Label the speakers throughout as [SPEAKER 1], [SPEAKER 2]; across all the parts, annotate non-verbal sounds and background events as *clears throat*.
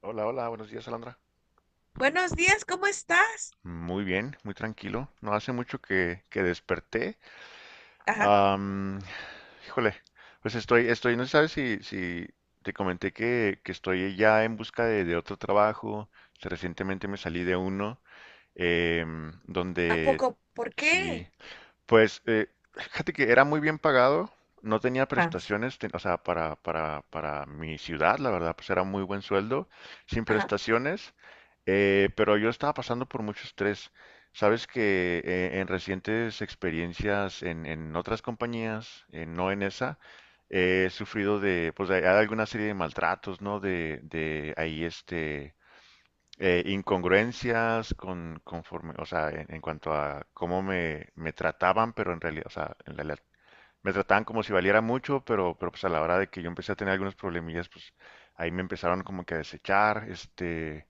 [SPEAKER 1] Hola, hola, buenos días, Alondra.
[SPEAKER 2] Buenos días, ¿cómo estás?
[SPEAKER 1] Muy bien, muy tranquilo. No hace mucho que desperté.
[SPEAKER 2] Ajá.
[SPEAKER 1] Am, Híjole, pues estoy, no sabes si te comenté que estoy ya en busca de otro trabajo. Recientemente me salí de uno, em,
[SPEAKER 2] ¿A
[SPEAKER 1] donde
[SPEAKER 2] poco? ¿Por
[SPEAKER 1] sí.
[SPEAKER 2] qué?
[SPEAKER 1] Pues, fíjate que era muy bien pagado, no tenía
[SPEAKER 2] Ajá,
[SPEAKER 1] prestaciones, o sea, para mi ciudad, la verdad, pues era muy buen sueldo, sin
[SPEAKER 2] ajá,
[SPEAKER 1] prestaciones. Pero yo estaba pasando por mucho estrés. Sabes que, en recientes experiencias en otras compañías, no en esa, he sufrido de, pues hay alguna serie de maltratos, ¿no? De ahí, este, incongruencias con, conforme, o sea, en cuanto a cómo me trataban, pero en realidad, o sea, en realidad me trataban como si valiera mucho. Pero, pues a la hora de que yo empecé a tener algunos problemillas, pues ahí me empezaron como que a desechar. Este,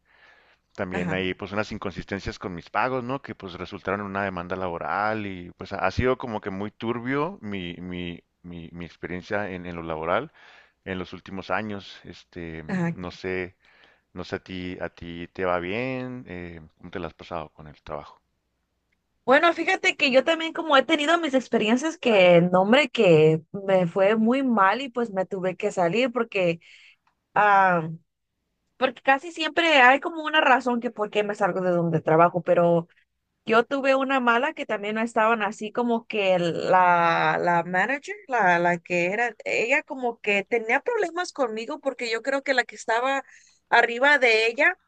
[SPEAKER 1] también
[SPEAKER 2] ajá,
[SPEAKER 1] hay pues unas inconsistencias con mis pagos, ¿no? Que pues resultaron en una demanda laboral, y pues ha sido como que muy turbio mi experiencia en lo laboral en los últimos años, este,
[SPEAKER 2] ajá.
[SPEAKER 1] no sé. No sé, ¿a ti te va bien? ¿Cómo te la has pasado con el trabajo?
[SPEAKER 2] Bueno, fíjate que yo también como he tenido mis experiencias que, no, hombre, que me fue muy mal y pues me tuve que salir ah, porque casi siempre hay como una razón que por qué me salgo de donde trabajo, pero yo tuve una mala que también no estaban así como que la manager, la que era, ella como que tenía problemas conmigo porque yo creo que la que estaba arriba de ella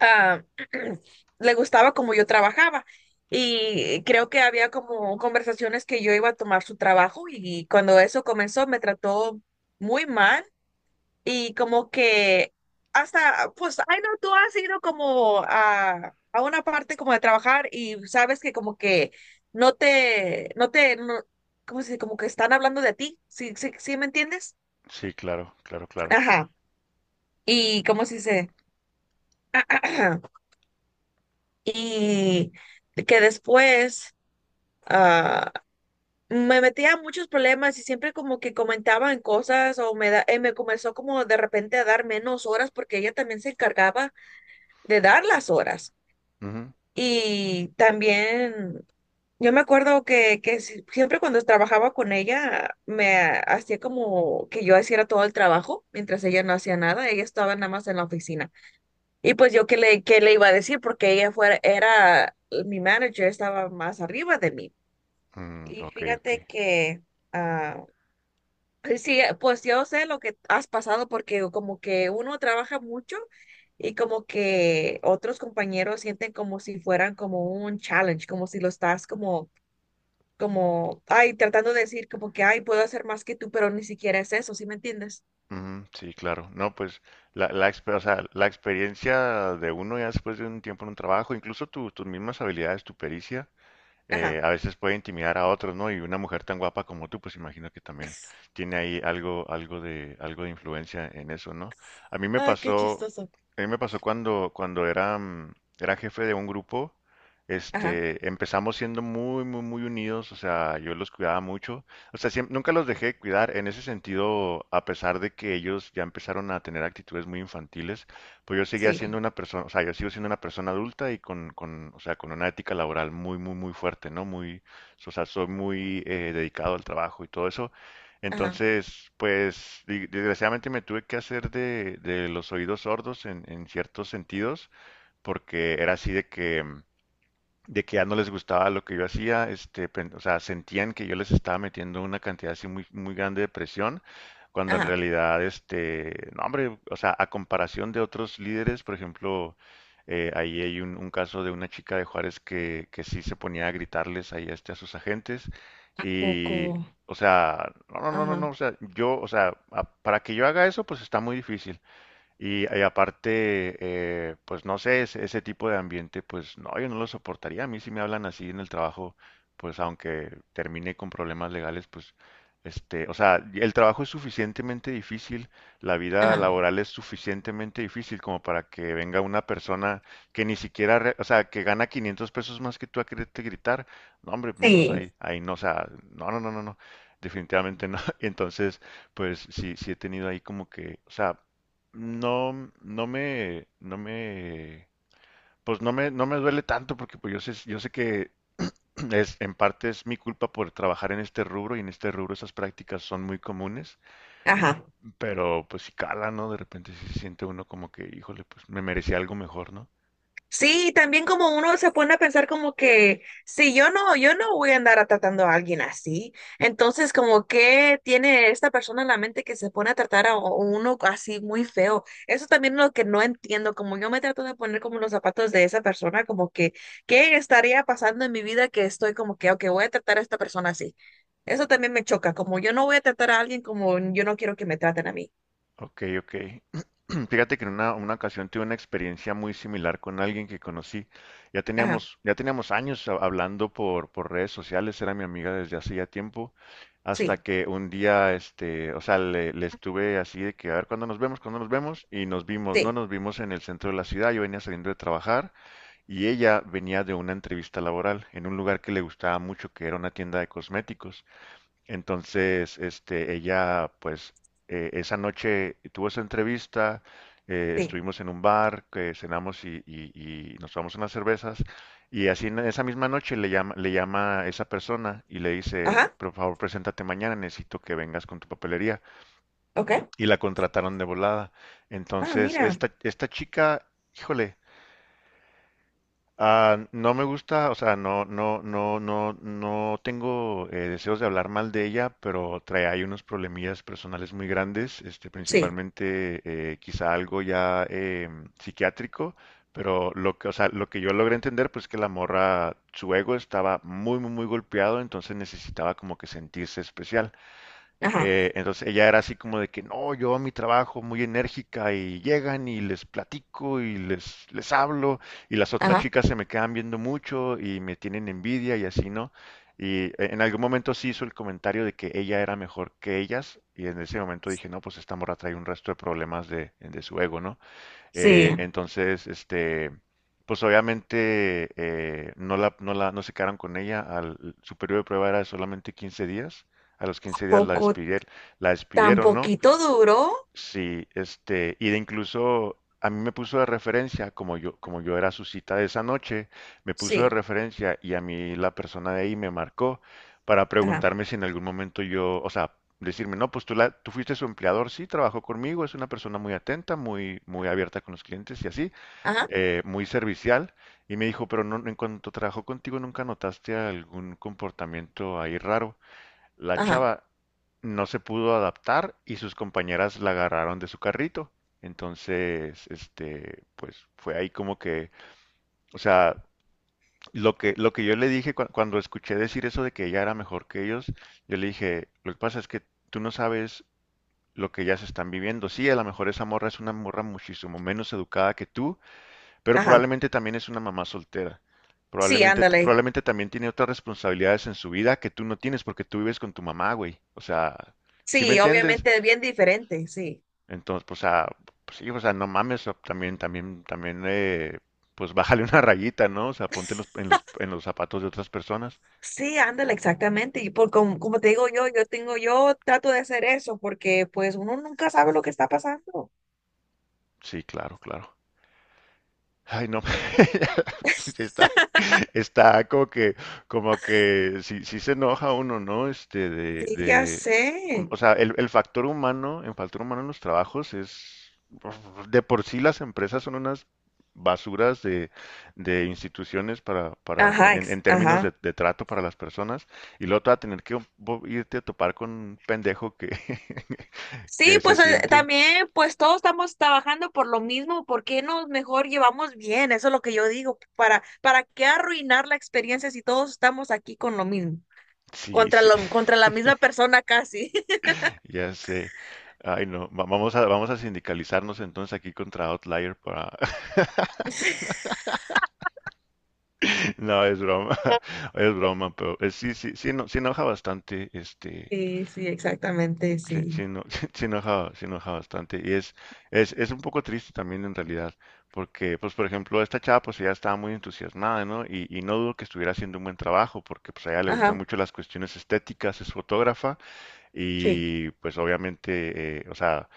[SPEAKER 2] ah, *clears throat* le gustaba como yo trabajaba, y creo que había como conversaciones que yo iba a tomar su trabajo, y cuando eso comenzó me trató muy mal. Y como que hasta, pues, ay no, tú has ido como a una parte como de trabajar y sabes que como que no te, no, como si, como que están hablando de ti, ¿sí, sí, sí me entiendes?
[SPEAKER 1] Sí, claro, claro, claro.
[SPEAKER 2] Ajá, y cómo *clears throat* y que después, ah, me metía en muchos problemas y siempre como que comentaban cosas o me comenzó como de repente a dar menos horas porque ella también se encargaba de dar las horas.
[SPEAKER 1] Ujú.
[SPEAKER 2] Y también yo me acuerdo que siempre cuando trabajaba con ella, me hacía como que yo hiciera todo el trabajo, mientras ella no hacía nada, ella estaba nada más en la oficina. Y pues yo qué le iba a decir, porque ella fuera, era mi manager, estaba más arriba de mí.
[SPEAKER 1] Mm,
[SPEAKER 2] Y
[SPEAKER 1] ok, ok.
[SPEAKER 2] fíjate que... ah, sí, pues yo sé lo que has pasado porque como que uno trabaja mucho y como que otros compañeros sienten como si fueran como un challenge, como si lo estás ay, tratando de decir como que, ay, puedo hacer más que tú, pero ni siquiera es eso, ¿sí me entiendes?
[SPEAKER 1] Ujú, sí, claro. No, pues o sea, la experiencia de uno ya después de un tiempo en un trabajo, incluso tus mismas habilidades, tu pericia,
[SPEAKER 2] Ajá.
[SPEAKER 1] a veces puede intimidar a otros, ¿no? Y una mujer tan guapa como tú, pues imagino que también tiene ahí algo de influencia en eso, ¿no? A mí me
[SPEAKER 2] Ay, qué
[SPEAKER 1] pasó,
[SPEAKER 2] chistoso.
[SPEAKER 1] a mí me pasó cuando era jefe de un grupo.
[SPEAKER 2] Ajá,
[SPEAKER 1] Este, empezamos siendo muy, muy, muy unidos. O sea, yo los cuidaba mucho, o sea, nunca los dejé de cuidar en ese sentido, a pesar de que ellos ya empezaron a tener actitudes muy infantiles. Pues yo seguía siendo
[SPEAKER 2] sí.
[SPEAKER 1] una persona, o sea, yo sigo siendo una persona adulta y con, o sea, con una ética laboral muy, muy, muy fuerte, ¿no? Muy, o sea, soy muy, dedicado al trabajo y todo eso.
[SPEAKER 2] Ajá,
[SPEAKER 1] Entonces, pues, desgraciadamente me tuve que hacer de los oídos sordos en ciertos sentidos, porque era así de que ya no les gustaba lo que yo hacía. Este, o sea, sentían que yo les estaba metiendo una cantidad así muy, muy grande de presión, cuando en
[SPEAKER 2] ajá.
[SPEAKER 1] realidad, este, no, hombre, o sea, a comparación de otros líderes, por ejemplo, ahí hay un caso de una chica de Juárez que sí se ponía a gritarles ahí, este, a sus agentes. Y,
[SPEAKER 2] Poco.
[SPEAKER 1] o sea, no, no, no, no, no,
[SPEAKER 2] Ajá,
[SPEAKER 1] o sea, yo, o sea, para que yo haga eso, pues está muy difícil. Y aparte, pues no sé, ese tipo de ambiente, pues no, yo no lo soportaría. A mí, si me hablan así en el trabajo, pues aunque termine con problemas legales, pues este, o sea, el trabajo es suficientemente difícil, la vida
[SPEAKER 2] ajá,
[SPEAKER 1] laboral es suficientemente difícil como para que venga una persona que ni siquiera, o sea, que gana 500 pesos más que tú, a quererte gritar. No, hombre, no, pues
[SPEAKER 2] sí,
[SPEAKER 1] ahí, ahí no, o sea, no, no, no, no, no, definitivamente no. *laughs* Entonces, pues sí, sí he tenido ahí como que, o sea, no, no me, no me, pues no me, no me duele tanto, porque pues yo sé, que *clears throat* en parte es mi culpa por trabajar en este rubro, y en este rubro esas prácticas son muy comunes.
[SPEAKER 2] ajá.
[SPEAKER 1] Pero pues si cala, ¿no? De repente sí se siente uno como que, híjole, pues me merecía algo mejor, ¿no?
[SPEAKER 2] Sí, también como uno se pone a pensar como que si yo no voy a andar tratando a alguien así. Entonces, como que tiene esta persona en la mente que se pone a tratar a uno así muy feo. Eso también es lo que no entiendo, como yo me trato de poner como los zapatos de esa persona, como que, ¿qué estaría pasando en mi vida que estoy como que, ok, voy a tratar a esta persona así? Eso también me choca, como yo no voy a tratar a alguien como yo no quiero que me traten a mí.
[SPEAKER 1] Ok, ok. *clears throat* Fíjate que en una ocasión tuve una experiencia muy similar con alguien que conocí. Ya
[SPEAKER 2] Ajá,
[SPEAKER 1] teníamos, ya teníamos años hablando por redes sociales, era mi amiga desde hacía tiempo, hasta
[SPEAKER 2] sí,
[SPEAKER 1] que un día, este, o sea, le estuve así de que, a ver, ¿cuándo nos vemos? ¿Cuándo nos vemos? Y nos vimos, no,
[SPEAKER 2] sí,
[SPEAKER 1] nos vimos en el centro de la ciudad. Yo venía saliendo de trabajar y ella venía de una entrevista laboral en un lugar que le gustaba mucho, que era una tienda de cosméticos. Entonces, este, ella, pues, esa noche tuvo esa entrevista.
[SPEAKER 2] sí.
[SPEAKER 1] Estuvimos en un bar, que cenamos y nos tomamos unas cervezas, y así en esa misma noche le llama, esa persona y le dice,
[SPEAKER 2] Ajá,
[SPEAKER 1] por favor, preséntate mañana, necesito que vengas con tu papelería.
[SPEAKER 2] ok.
[SPEAKER 1] Y la contrataron de volada.
[SPEAKER 2] Ah,
[SPEAKER 1] Entonces,
[SPEAKER 2] mira.
[SPEAKER 1] esta chica, híjole, ah, no me gusta, o sea, no, no, no, no, no tengo, deseos de hablar mal de ella, pero trae ahí unos problemillas personales muy grandes. Este,
[SPEAKER 2] Sí.
[SPEAKER 1] principalmente, quizá algo ya, psiquiátrico. Pero lo que, o sea, lo que yo logré entender, pues que la morra, su ego estaba muy, muy, muy golpeado, entonces necesitaba como que sentirse especial.
[SPEAKER 2] Ajá,
[SPEAKER 1] Entonces, ella era así como de que no, yo a mi trabajo muy enérgica, y llegan y les platico, y les hablo, y las otras
[SPEAKER 2] ajá,
[SPEAKER 1] chicas se me quedan viendo mucho y me tienen envidia y así, ¿no? Y, en algún momento sí hizo el comentario de que ella era mejor que ellas, y en ese momento dije, no, pues esta morra trae un resto de problemas de su ego, ¿no?
[SPEAKER 2] sí.
[SPEAKER 1] Entonces, este, pues obviamente, no se quedaron con ella. Su periodo de prueba era de solamente 15 días. A los 15 días
[SPEAKER 2] Poco,
[SPEAKER 1] la
[SPEAKER 2] tan
[SPEAKER 1] despidieron, ¿no?
[SPEAKER 2] poquito duro.
[SPEAKER 1] Sí, este, y de incluso a mí me puso de referencia, como yo, era su cita de esa noche, me puso de
[SPEAKER 2] Sí,
[SPEAKER 1] referencia, y a mí la persona de ahí me marcó para
[SPEAKER 2] ajá,
[SPEAKER 1] preguntarme si en algún momento yo, o sea, decirme, no, pues tú, tú fuiste su empleador. Sí, trabajó conmigo, es una persona muy atenta, muy, muy abierta con los clientes y así,
[SPEAKER 2] ajá,
[SPEAKER 1] muy servicial. Y me dijo, pero no, en cuanto trabajó contigo, ¿nunca notaste algún comportamiento ahí raro? La
[SPEAKER 2] ajá,
[SPEAKER 1] chava no se pudo adaptar y sus compañeras la agarraron de su carrito. Entonces, este, pues fue ahí como que, o sea, lo que yo le dije, cuando escuché decir eso de que ella era mejor que ellos, yo le dije, lo que pasa es que tú no sabes lo que ellas están viviendo. Sí, a lo mejor esa morra es una morra muchísimo menos educada que tú, pero
[SPEAKER 2] ajá.
[SPEAKER 1] probablemente también es una mamá soltera.
[SPEAKER 2] Sí, ándale.
[SPEAKER 1] Probablemente también tiene otras responsabilidades en su vida que tú no tienes, porque tú vives con tu mamá, güey. O sea, ¿sí me
[SPEAKER 2] Sí,
[SPEAKER 1] entiendes?
[SPEAKER 2] obviamente es bien diferente, sí.
[SPEAKER 1] Entonces, pues, pues sí, o sea, no mames. O también, pues bájale *laughs* una rayita, ¿no? O sea, ponte en los zapatos de otras personas.
[SPEAKER 2] Sí, ándale, exactamente. Y por como te digo yo, yo tengo, yo trato de hacer eso porque pues uno nunca sabe lo que está pasando.
[SPEAKER 1] Sí, claro, claro. Ay, no. *laughs* Está, Está como que, si se enoja uno, ¿no? Este,
[SPEAKER 2] Sí, ya
[SPEAKER 1] o
[SPEAKER 2] sé.
[SPEAKER 1] sea, el factor humano, el factor humano en los trabajos es, de por sí las empresas son unas basuras de instituciones, para,
[SPEAKER 2] Ajá,
[SPEAKER 1] en términos de,
[SPEAKER 2] ajá.
[SPEAKER 1] de trato para las personas, y luego te va a tener que irte a topar con un pendejo que, *laughs*
[SPEAKER 2] Sí,
[SPEAKER 1] que se
[SPEAKER 2] pues
[SPEAKER 1] siente,
[SPEAKER 2] también, pues todos estamos trabajando por lo mismo, ¿por qué nos mejor llevamos bien? Eso es lo que yo digo, ¿para qué arruinar la experiencia si todos estamos aquí con lo mismo?
[SPEAKER 1] sí,
[SPEAKER 2] Contra
[SPEAKER 1] sí.
[SPEAKER 2] lo, contra la misma persona casi.
[SPEAKER 1] Ya sé. Ay, no. Vamos a sindicalizarnos entonces aquí contra Outlier para... *laughs*
[SPEAKER 2] *laughs*
[SPEAKER 1] No, es broma. *laughs* Es broma, pero sí, sí, sí, no, sí enoja bastante, este...
[SPEAKER 2] Sí, sí, exactamente,
[SPEAKER 1] Sí,
[SPEAKER 2] sí.
[SPEAKER 1] sí, no, *laughs* sí enoja bastante. Y es, es un poco triste también en realidad, porque, pues, por ejemplo, esta chava, pues, ella estaba muy entusiasmada, ¿no? Y no dudo que estuviera haciendo un buen trabajo, porque, pues, a ella le gustan
[SPEAKER 2] Ajá,
[SPEAKER 1] mucho las cuestiones estéticas, es fotógrafa,
[SPEAKER 2] sí.
[SPEAKER 1] y, pues, obviamente, o sea...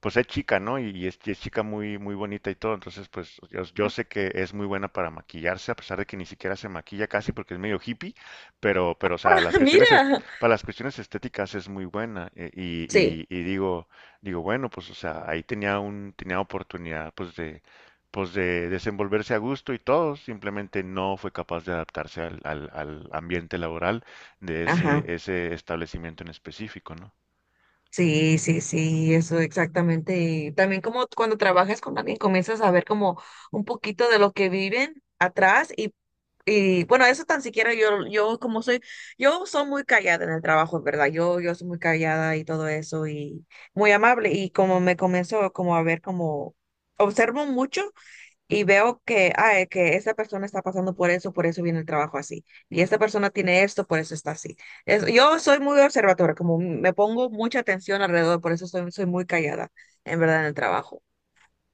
[SPEAKER 1] pues es chica, ¿no? Y es chica muy, muy bonita y todo. Entonces, pues yo sé que es muy buena para maquillarse, a pesar de que ni siquiera se maquilla casi porque es medio hippie. Pero, o sea, las
[SPEAKER 2] *laughs*
[SPEAKER 1] cuestiones,
[SPEAKER 2] Mira,
[SPEAKER 1] para las cuestiones estéticas es muy buena. Y,
[SPEAKER 2] sí,
[SPEAKER 1] digo, bueno, pues, o sea, ahí tenía oportunidad, pues, de desenvolverse a gusto y todo. Simplemente no fue capaz de adaptarse al ambiente laboral de
[SPEAKER 2] ajá.
[SPEAKER 1] ese establecimiento en específico, ¿no?
[SPEAKER 2] Sí, sí, sí, eso exactamente. Y también como cuando trabajas con alguien comienzas a ver como un poquito de lo que viven atrás, y bueno, eso tan siquiera yo como soy, yo soy muy callada en el trabajo, en ¿verdad? Yo soy muy callada y todo eso y muy amable y como me comienzo como a ver como, observo mucho y veo que esta persona está pasando por eso viene el trabajo así. Y esta persona tiene esto, por eso está así. Yo soy muy observadora, como me pongo mucha atención alrededor, por eso soy muy callada, en verdad, en el trabajo.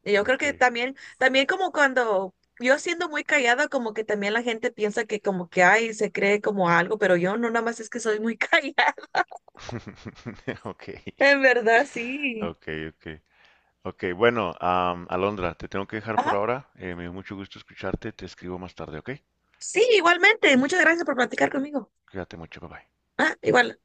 [SPEAKER 2] Y yo creo
[SPEAKER 1] Ok.
[SPEAKER 2] que también como cuando yo siendo muy callada, como que también la gente piensa que como que hay, se cree como algo, pero yo no, nada más es que soy muy *laughs* callada,
[SPEAKER 1] *laughs* Ok.
[SPEAKER 2] en verdad, sí.
[SPEAKER 1] Ok, ok. Ok, bueno, Alondra, te tengo que dejar por
[SPEAKER 2] Ajá.
[SPEAKER 1] ahora. Me dio mucho gusto escucharte. Te escribo más tarde, ¿ok?
[SPEAKER 2] Sí, igualmente. Muchas gracias por platicar conmigo.
[SPEAKER 1] Cuídate mucho, bye bye.
[SPEAKER 2] Ah, igual.